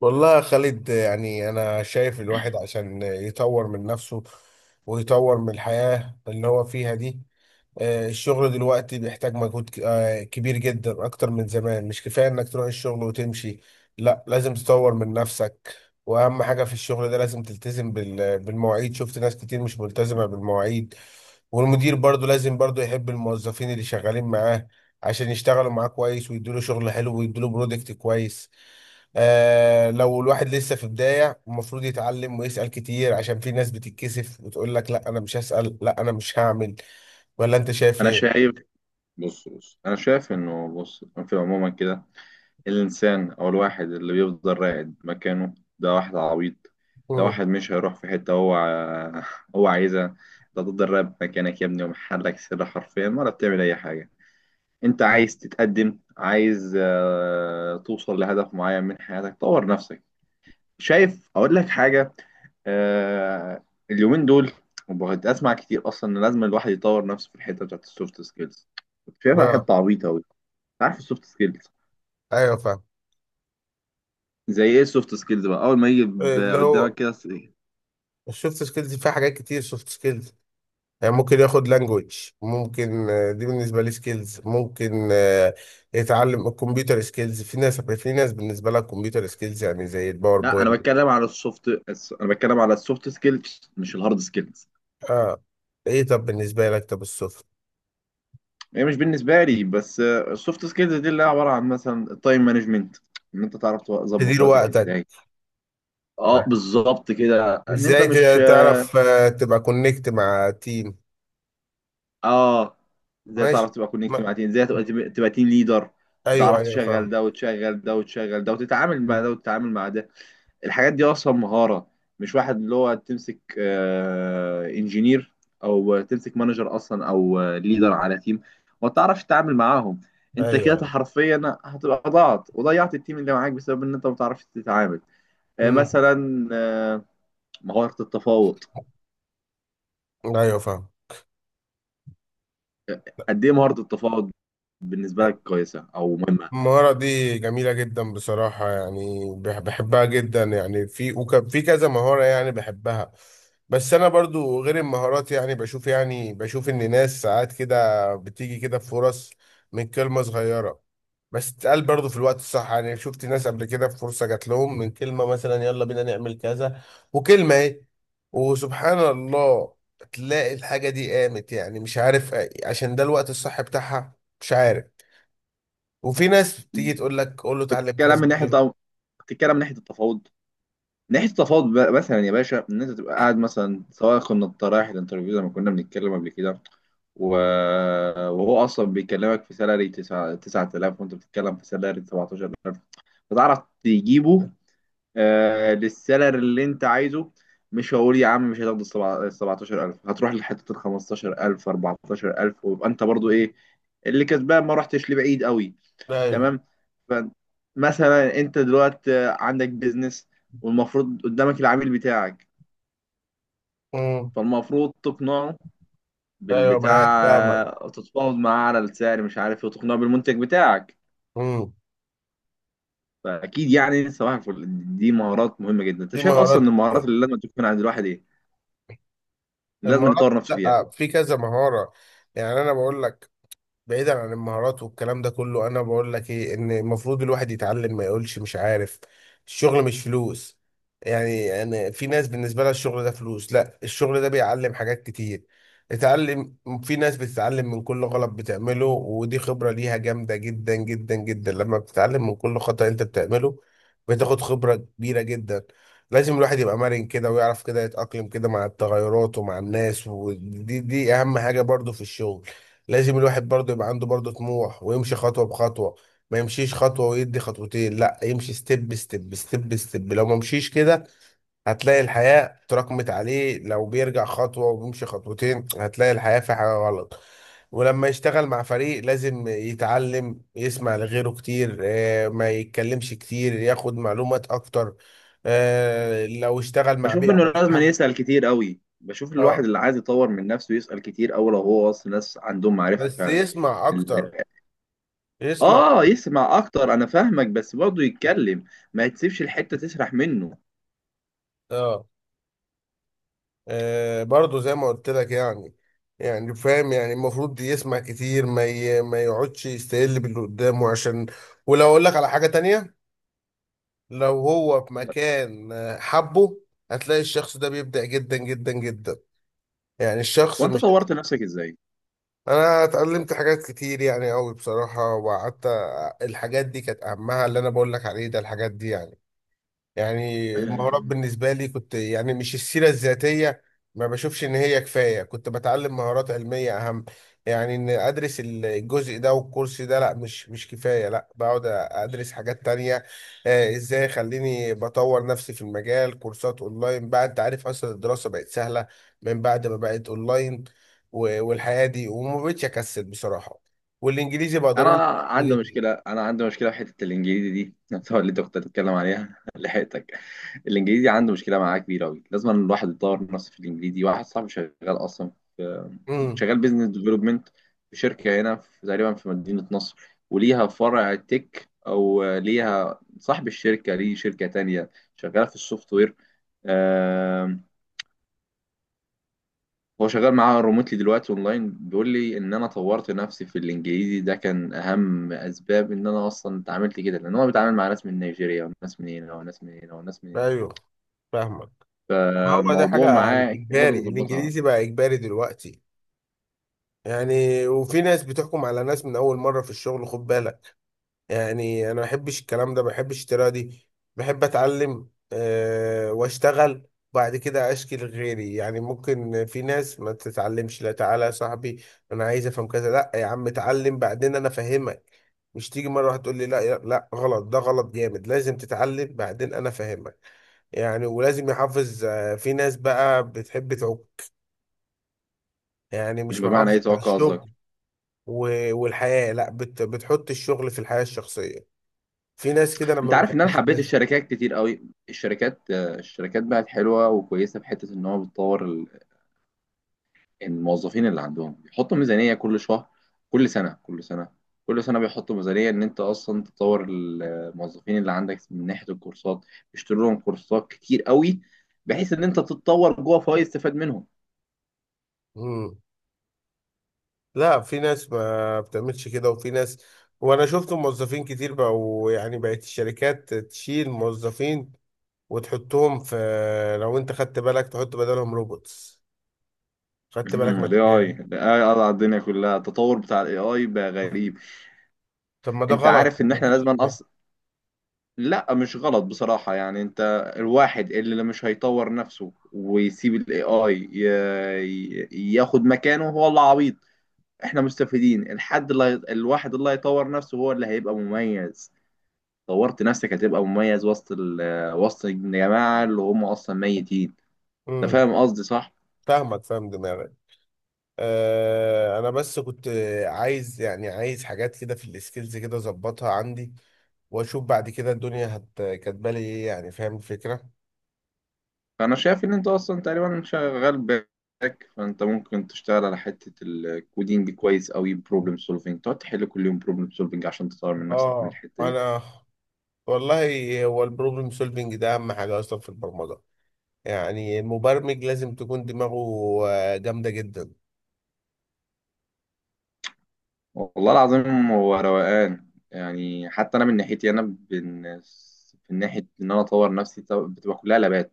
والله يا خالد يعني أنا شايف الواحد عشان يطور من نفسه ويطور من الحياة اللي هو فيها دي. الشغل دلوقتي بيحتاج مجهود كبير جدا أكتر من زمان، مش كفاية إنك تروح الشغل وتمشي، لا لازم تطور من نفسك. وأهم حاجة في الشغل ده لازم تلتزم بالمواعيد، شفت ناس كتير مش ملتزمة بالمواعيد. والمدير برضو لازم برضو يحب الموظفين اللي شغالين معاه عشان يشتغلوا معاه كويس ويدوله شغل حلو ويدوله برودكت كويس. آه لو الواحد لسه في بداية المفروض يتعلم ويسأل كتير، عشان في ناس بتتكسف وتقول لك لا أنا مش هسأل لا أنا مش هعمل. ولا أنت شايف انا إيه؟ شايف. بص بص انا شايف انه بص في عموما كده. الانسان او الواحد اللي بيفضل راقد مكانه ده واحد عبيط. ده مم. واحد مش هيروح في حته، هو هو عايزها. ده تفضل راقد مكانك يا ابني ومحلك سر حرفيا ولا بتعمل اي حاجه. انت مم. عايز تتقدم، عايز توصل لهدف معين من حياتك، طور نفسك. شايف؟ اقول لك حاجه. آه، اليومين دول وبقيت اسمع كتير اصلا ان لازم الواحد يطور نفسه في الحته بتاعت السوفت سكيلز. كنت شايفها بقى. حته عبيطه قوي. عارف السوفت سكيلز؟ أيوه فاهم. زي ايه السوفت سكيلز بقى اول ما يجي اللي قدامك هو كده السوفت سكيلز فيها حاجات كتير. سوفت سكيلز يعني ممكن ياخد لانجوج، ممكن دي بالنسبة لي سكيلز، ممكن يتعلم الكمبيوتر سكيلز. في ناس بالنسبة لها الكمبيوتر سكيلز يعني زي لا، انا الباوربوينت. بتكلم على السوفت، انا بتكلم على السوفت سكيلز مش الهارد سكيلز. اه. ايه طب بالنسبة لك طب السوفت، هي مش بالنسبه لي بس، السوفت سكيلز دي اللي هي عباره عن مثلا التايم مانجمنت. ان انت تعرف تظبط تدير وقتك وقتك. ازاي. اه، بالظبط كده، ان انت ازاي مش، تعرف تبقى كونكت مع تيم. اه، ازاي تعرف ماشي. تبقى كونكت ما... مع تيم، ازاي تبقى تيم ليدر. ايوه تعرف ايوه تشغل فاهم. ده وتشغل ده وتشغل ده وتتعامل مع ده وتتعامل مع ده. الحاجات دي اصلا مهارة. مش واحد اللي هو تمسك انجينير او تمسك مانجر اصلا او ليدر على تيم وما تعرفش تتعامل معاهم. انت ايوه كده ايوه حرفيا هتبقى ضاعت وضيعت التيم اللي معاك بسبب ان انت ما بتعرفش تتعامل. امم مثلا، مهارة التفاوض. ايوه فاهم. قد ايه مهارة التفاوض بالنسبة لك، كويسة او مهمة؟ المهارة دي جميلة جدا بصراحة، يعني بحبها جدا، يعني في في كذا مهارة يعني بحبها. بس أنا برضو غير المهارات، يعني بشوف، يعني بشوف إن ناس ساعات كده بتيجي كده بفرص من كلمة صغيرة بس تتقال برضو في الوقت الصح. يعني شفت ناس قبل كده في فرصة جات لهم من كلمة، مثلا يلا بينا نعمل كذا، وكلمة إيه، وسبحان الله تلاقي الحاجة دي قامت، يعني مش عارف، عشان ده الوقت الصح بتاعها، مش عارف. وفي ناس تيجي تقول لك قول له اتعلم بتتكلم كذا من ناحيه ليه. طب... بتتكلم من ناحيه التفاوض. من ناحيه التفاوض بقى مثلا يا باشا، ان انت تبقى قاعد مثلا، سواء كنا رايح الانترفيو زي ما كنا بنتكلم قبل كده، و... وهو اصلا بيكلمك في سالري 9 9000، وانت بتتكلم في سالري 17000. فتعرف تجيبه آه للسالري اللي انت عايزه. مش هقول يا عم مش هتاخد ال 17000، هتروح لحته ال 15000، 14000، ويبقى انت برضو ايه؟ اللي كسبان ما رحتش لبعيد قوي. ايوه. تمام. فمثلا انت دلوقتي عندك بيزنس، والمفروض قدامك العميل بتاعك، امم فالمفروض تقنعه ايوه معاك فاهمك. بالبتاع. تتفاوض معاه على السعر مش عارف ايه، وتقنعه بالمنتج بتاعك. امم فاكيد يعني صباح الفل. دي مهارات مهمه جدا. انت دي شايف اصلا مهارات. ان المهارات اللي لازم تكون عند الواحد ايه، اللي لازم المهارات، يطور نفسه فيها؟ لا في كذا مهارة. يعني انا بقول لك، بعيدا عن المهارات والكلام ده كله، انا بقول لك ايه، ان المفروض الواحد يتعلم، ما يقولش مش عارف. الشغل مش فلوس، يعني انا في ناس بالنسبه لها الشغل ده فلوس، لا الشغل ده بيعلم حاجات كتير. اتعلم، في ناس بتتعلم من كل غلط بتعمله، ودي خبره ليها جامده جدا جدا جدا، لما بتتعلم من كل خطأ انت بتعمله بتاخد خبره كبيره جدا. لازم الواحد يبقى مرن كده، ويعرف كده يتأقلم كده مع التغيرات ومع الناس، ودي اهم حاجه برضو في الشغل. لازم الواحد برضه يبقى عنده برضه طموح ويمشي خطوة بخطوة، ما يمشيش خطوة ويدي خطوتين، لا يمشي ستيب ستيب ستيب ستيب. لو ما مشيش كده هتلاقي الحياة تراكمت عليه، لو بيرجع خطوة وبيمشي خطوتين هتلاقي الحياة في حاجة غلط. ولما يشتغل مع فريق لازم يتعلم يسمع لغيره كتير، ما يتكلمش كتير، ياخد معلومات اكتر. لو اشتغل مع بشوف بيئة انه لازم مريحة. يسال كتير قوي. بشوف الواحد اه اللي عايز يطور من نفسه يسال كتير قوي، لو هو اصلا ناس عندهم معرفه بس فعلا. يسمع اكتر، يسمع. اه يسمع اكتر، انا فاهمك، بس برضه يتكلم. ما تسيبش الحتة تسرح منه. اه، برضه زي ما قلت لك، يعني يعني فاهم، يعني المفروض يسمع كتير، ما يقعدش يستقل باللي قدامه عشان. ولو اقول لك على حاجة تانية، لو هو في مكان حبه، هتلاقي الشخص ده بيبدع جدا جدا جدا، يعني الشخص وانت مش. طورت نفسك ازاي؟ انا اتعلمت حاجات كتير يعني قوي بصراحة، وقعدت الحاجات دي كانت اهمها، اللي انا بقول لك عليه ده الحاجات دي يعني. يعني المهارات آه، بالنسبة لي، كنت يعني مش السيرة الذاتية ما بشوفش إن هي كفاية، كنت بتعلم مهارات علمية أهم. يعني إن أدرس الجزء ده والكورس ده، لا مش كفاية، لا بقعد أدرس حاجات تانية. إزاي خليني بطور نفسي في المجال. كورسات أونلاين بقى، أنت عارف أصلا الدراسة بقت سهلة من بعد ما بقت أونلاين، والحياة دي، وما بقتش أكسل بصراحة. والإنجليزي بقى انا ضروري عندي جدا. مشكلة انا عندي مشكلة في حتة الانجليزي دي نفسها اللي انت كنت بتتكلم عليها لحقتك. الانجليزي عنده مشكلة معاه كبيرة قوي، لازم الواحد يطور نفسه في الانجليزي. واحد صاحبي شغال اصلا، امم. شغال بيزنس ديفلوبمنت في شركة هنا، في تقريبا في مدينة نصر، وليها فرع تك أو، ليها صاحب الشركة ليه شركة تانية شغالة في السوفت وير. آه، هو شغال معاها ريموتلي دلوقتي اونلاين. بيقول لي ان انا طورت نفسي في الانجليزي ده كان اهم اسباب ان انا اصلا اتعاملت كده، لان هو بيتعامل مع ناس من نيجيريا وناس من هنا وناس من هنا وناس من هنا. أيوه فاهمك. هو ده، فالموضوع حاجة معاه هو ده إجباري، اللي ظبطها. الإنجليزي بقى إجباري دلوقتي. يعني وفي ناس بتحكم على ناس من أول مرة في الشغل، خد بالك. يعني انا ما بحبش الكلام ده، ما بحبش الطريقه دي، بحب اتعلم واشتغل. بعد كده اشكي لغيري. يعني ممكن في ناس ما تتعلمش، لا تعالى يا صاحبي انا عايز افهم كذا، لا يا عم اتعلم بعدين انا افهمك. مش تيجي مره واحده تقول لي لا، لا، لا، غلط ده غلط جامد، لازم تتعلم بعدين انا افهمك. يعني ولازم يحافظ، في ناس بقى بتحب تعوق يعني، مش بمعنى ايه محافظة على توقع قصدك؟ الشغل والحياة، لا بتحط الشغل في الحياة الشخصية. في ناس كده انا ما انت عارف ان انا بحبش حبيت الناس دي. الشركات كتير قوي. الشركات، الشركات بقت حلوه وكويسه في حته ان هو بتطور الموظفين اللي عندهم بيحطوا ميزانيه كل شهر، كل سنه، كل سنه بيحطوا ميزانيه ان انت اصلا تطور الموظفين اللي عندك من ناحيه الكورسات. بيشتروا لهم كورسات كتير قوي بحيث ان انت تتطور جوه فهو يستفاد منهم. مم. لا في ناس ما بتعملش كده، وفي ناس، وانا شفت موظفين كتير بقوا، يعني بقت الشركات تشيل موظفين وتحطهم في، لو انت خدت بالك تحط بدلهم روبوتس، خدت بالك من الاي الحكايه اي، دي. الاي قضى على الدنيا كلها. التطور بتاع الاي اي بقى غريب. طب ما ده انت غلط، عارف طب ان ما احنا انت لازم شايف ليه؟ لا مش غلط بصراحة يعني. انت، الواحد اللي مش هيطور نفسه ويسيب الاي اي ياخد مكانه هو اللي عبيط. احنا مستفيدين. الحد الواحد اللي هيطور نفسه هو اللي هيبقى مميز. طورت نفسك هتبقى مميز وسط وسط الجماعة اللي هم اصلا ميتين. انت امم فاهم قصدي صح؟ فاهمك، فاهم دماغك. آه انا بس كنت عايز، يعني عايز حاجات كده في السكيلز كده اظبطها عندي، واشوف بعد كده الدنيا هت كاتبالي ايه، يعني فاهم الفكره. فانا شايف ان انت اصلا تقريبا شغال باك، فانت ممكن تشتغل على حتة الكودينج كويس قوي. بروبلم سولفينج، تقعد تحل كل يوم بروبلم سولفينج عشان تطور من نفسك من اه الحتة دي. انا، والله هو البروبلم سولفنج ده اهم حاجه اصلا في البرمجه، يعني المبرمج لازم تكون دماغه جامده جدا. والله العظيم هو روقان يعني. حتى انا من ناحيتي، من ناحيه ان انا اطور نفسي، بتبقى كلها لابات.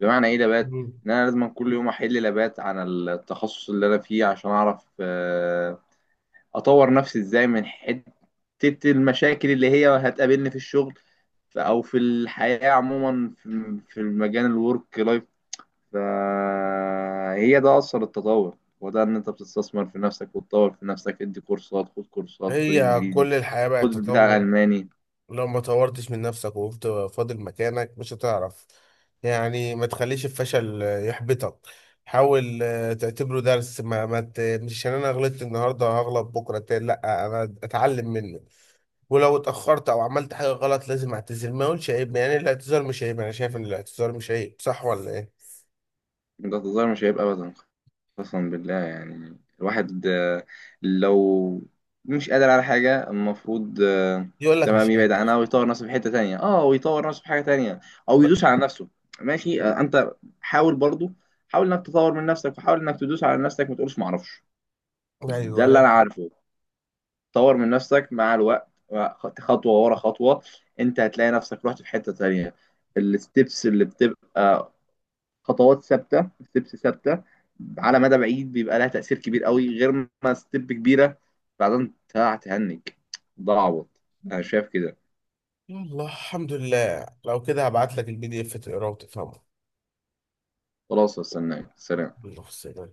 بمعنى ايه لابات؟ مم. ان انا لازم كل يوم احل لابات عن التخصص اللي انا فيه عشان اعرف اطور نفسي ازاي من حته المشاكل اللي هي هتقابلني في الشغل، او في الحياه عموما، في المجال الورك لايف. فهي ده أصل التطور، وده إن أنت بتستثمر في نفسك وتطور في نفسك. ادي كورسات، خد كورسات، خد هي إنجليزي، كل الحياه بقت خد بتاع تطور، ألماني. لو ما طورتش من نفسك وقفت فاضل مكانك مش هتعرف. يعني ما تخليش الفشل يحبطك، حاول تعتبره درس. ما, ما ت... مش عشان انا غلطت النهارده هغلط بكره تاني، لا انا اتعلم منه. ولو اتأخرت أو عملت حاجة غلط لازم أعتذر، ما أقولش عيب، يعني الاعتذار مش عيب، أنا شايف إن الاعتذار مش عيب، صح ولا إيه؟ ده تظاهر مش هيبقى أبدا، قسما بالله. يعني الواحد، لو مش قادر على حاجة المفروض، يقول لك تمام، مش يبعد عنها قادر. ويطور نفسه في حتة تانية. اه، ويطور نفسه في حاجة تانية، أو ب... يدوس على نفسه. ماشي، أنت حاول برضو، حاول إنك تطور من نفسك وحاول إنك تدوس على نفسك، ما تقولش معرفش. ده أيوه اللي لا. أنا عارفه. طور من نفسك مع الوقت، خطوة ورا خطوة. انت هتلاقي نفسك رحت في حتة تانية. الستبس اللي بتبقى خطوات ثابتة، ستبس ثابتة، على مدى بعيد بيبقى لها تأثير كبير قوي، غير ما ستيب كبيرة بعدين تهنج. ضعبط. انا شايف كده. يلا الحمد لله، لو كده هبعت لك البي دي إف تقراه وتفهمه. خلاص استناك، سلام. الله السلام.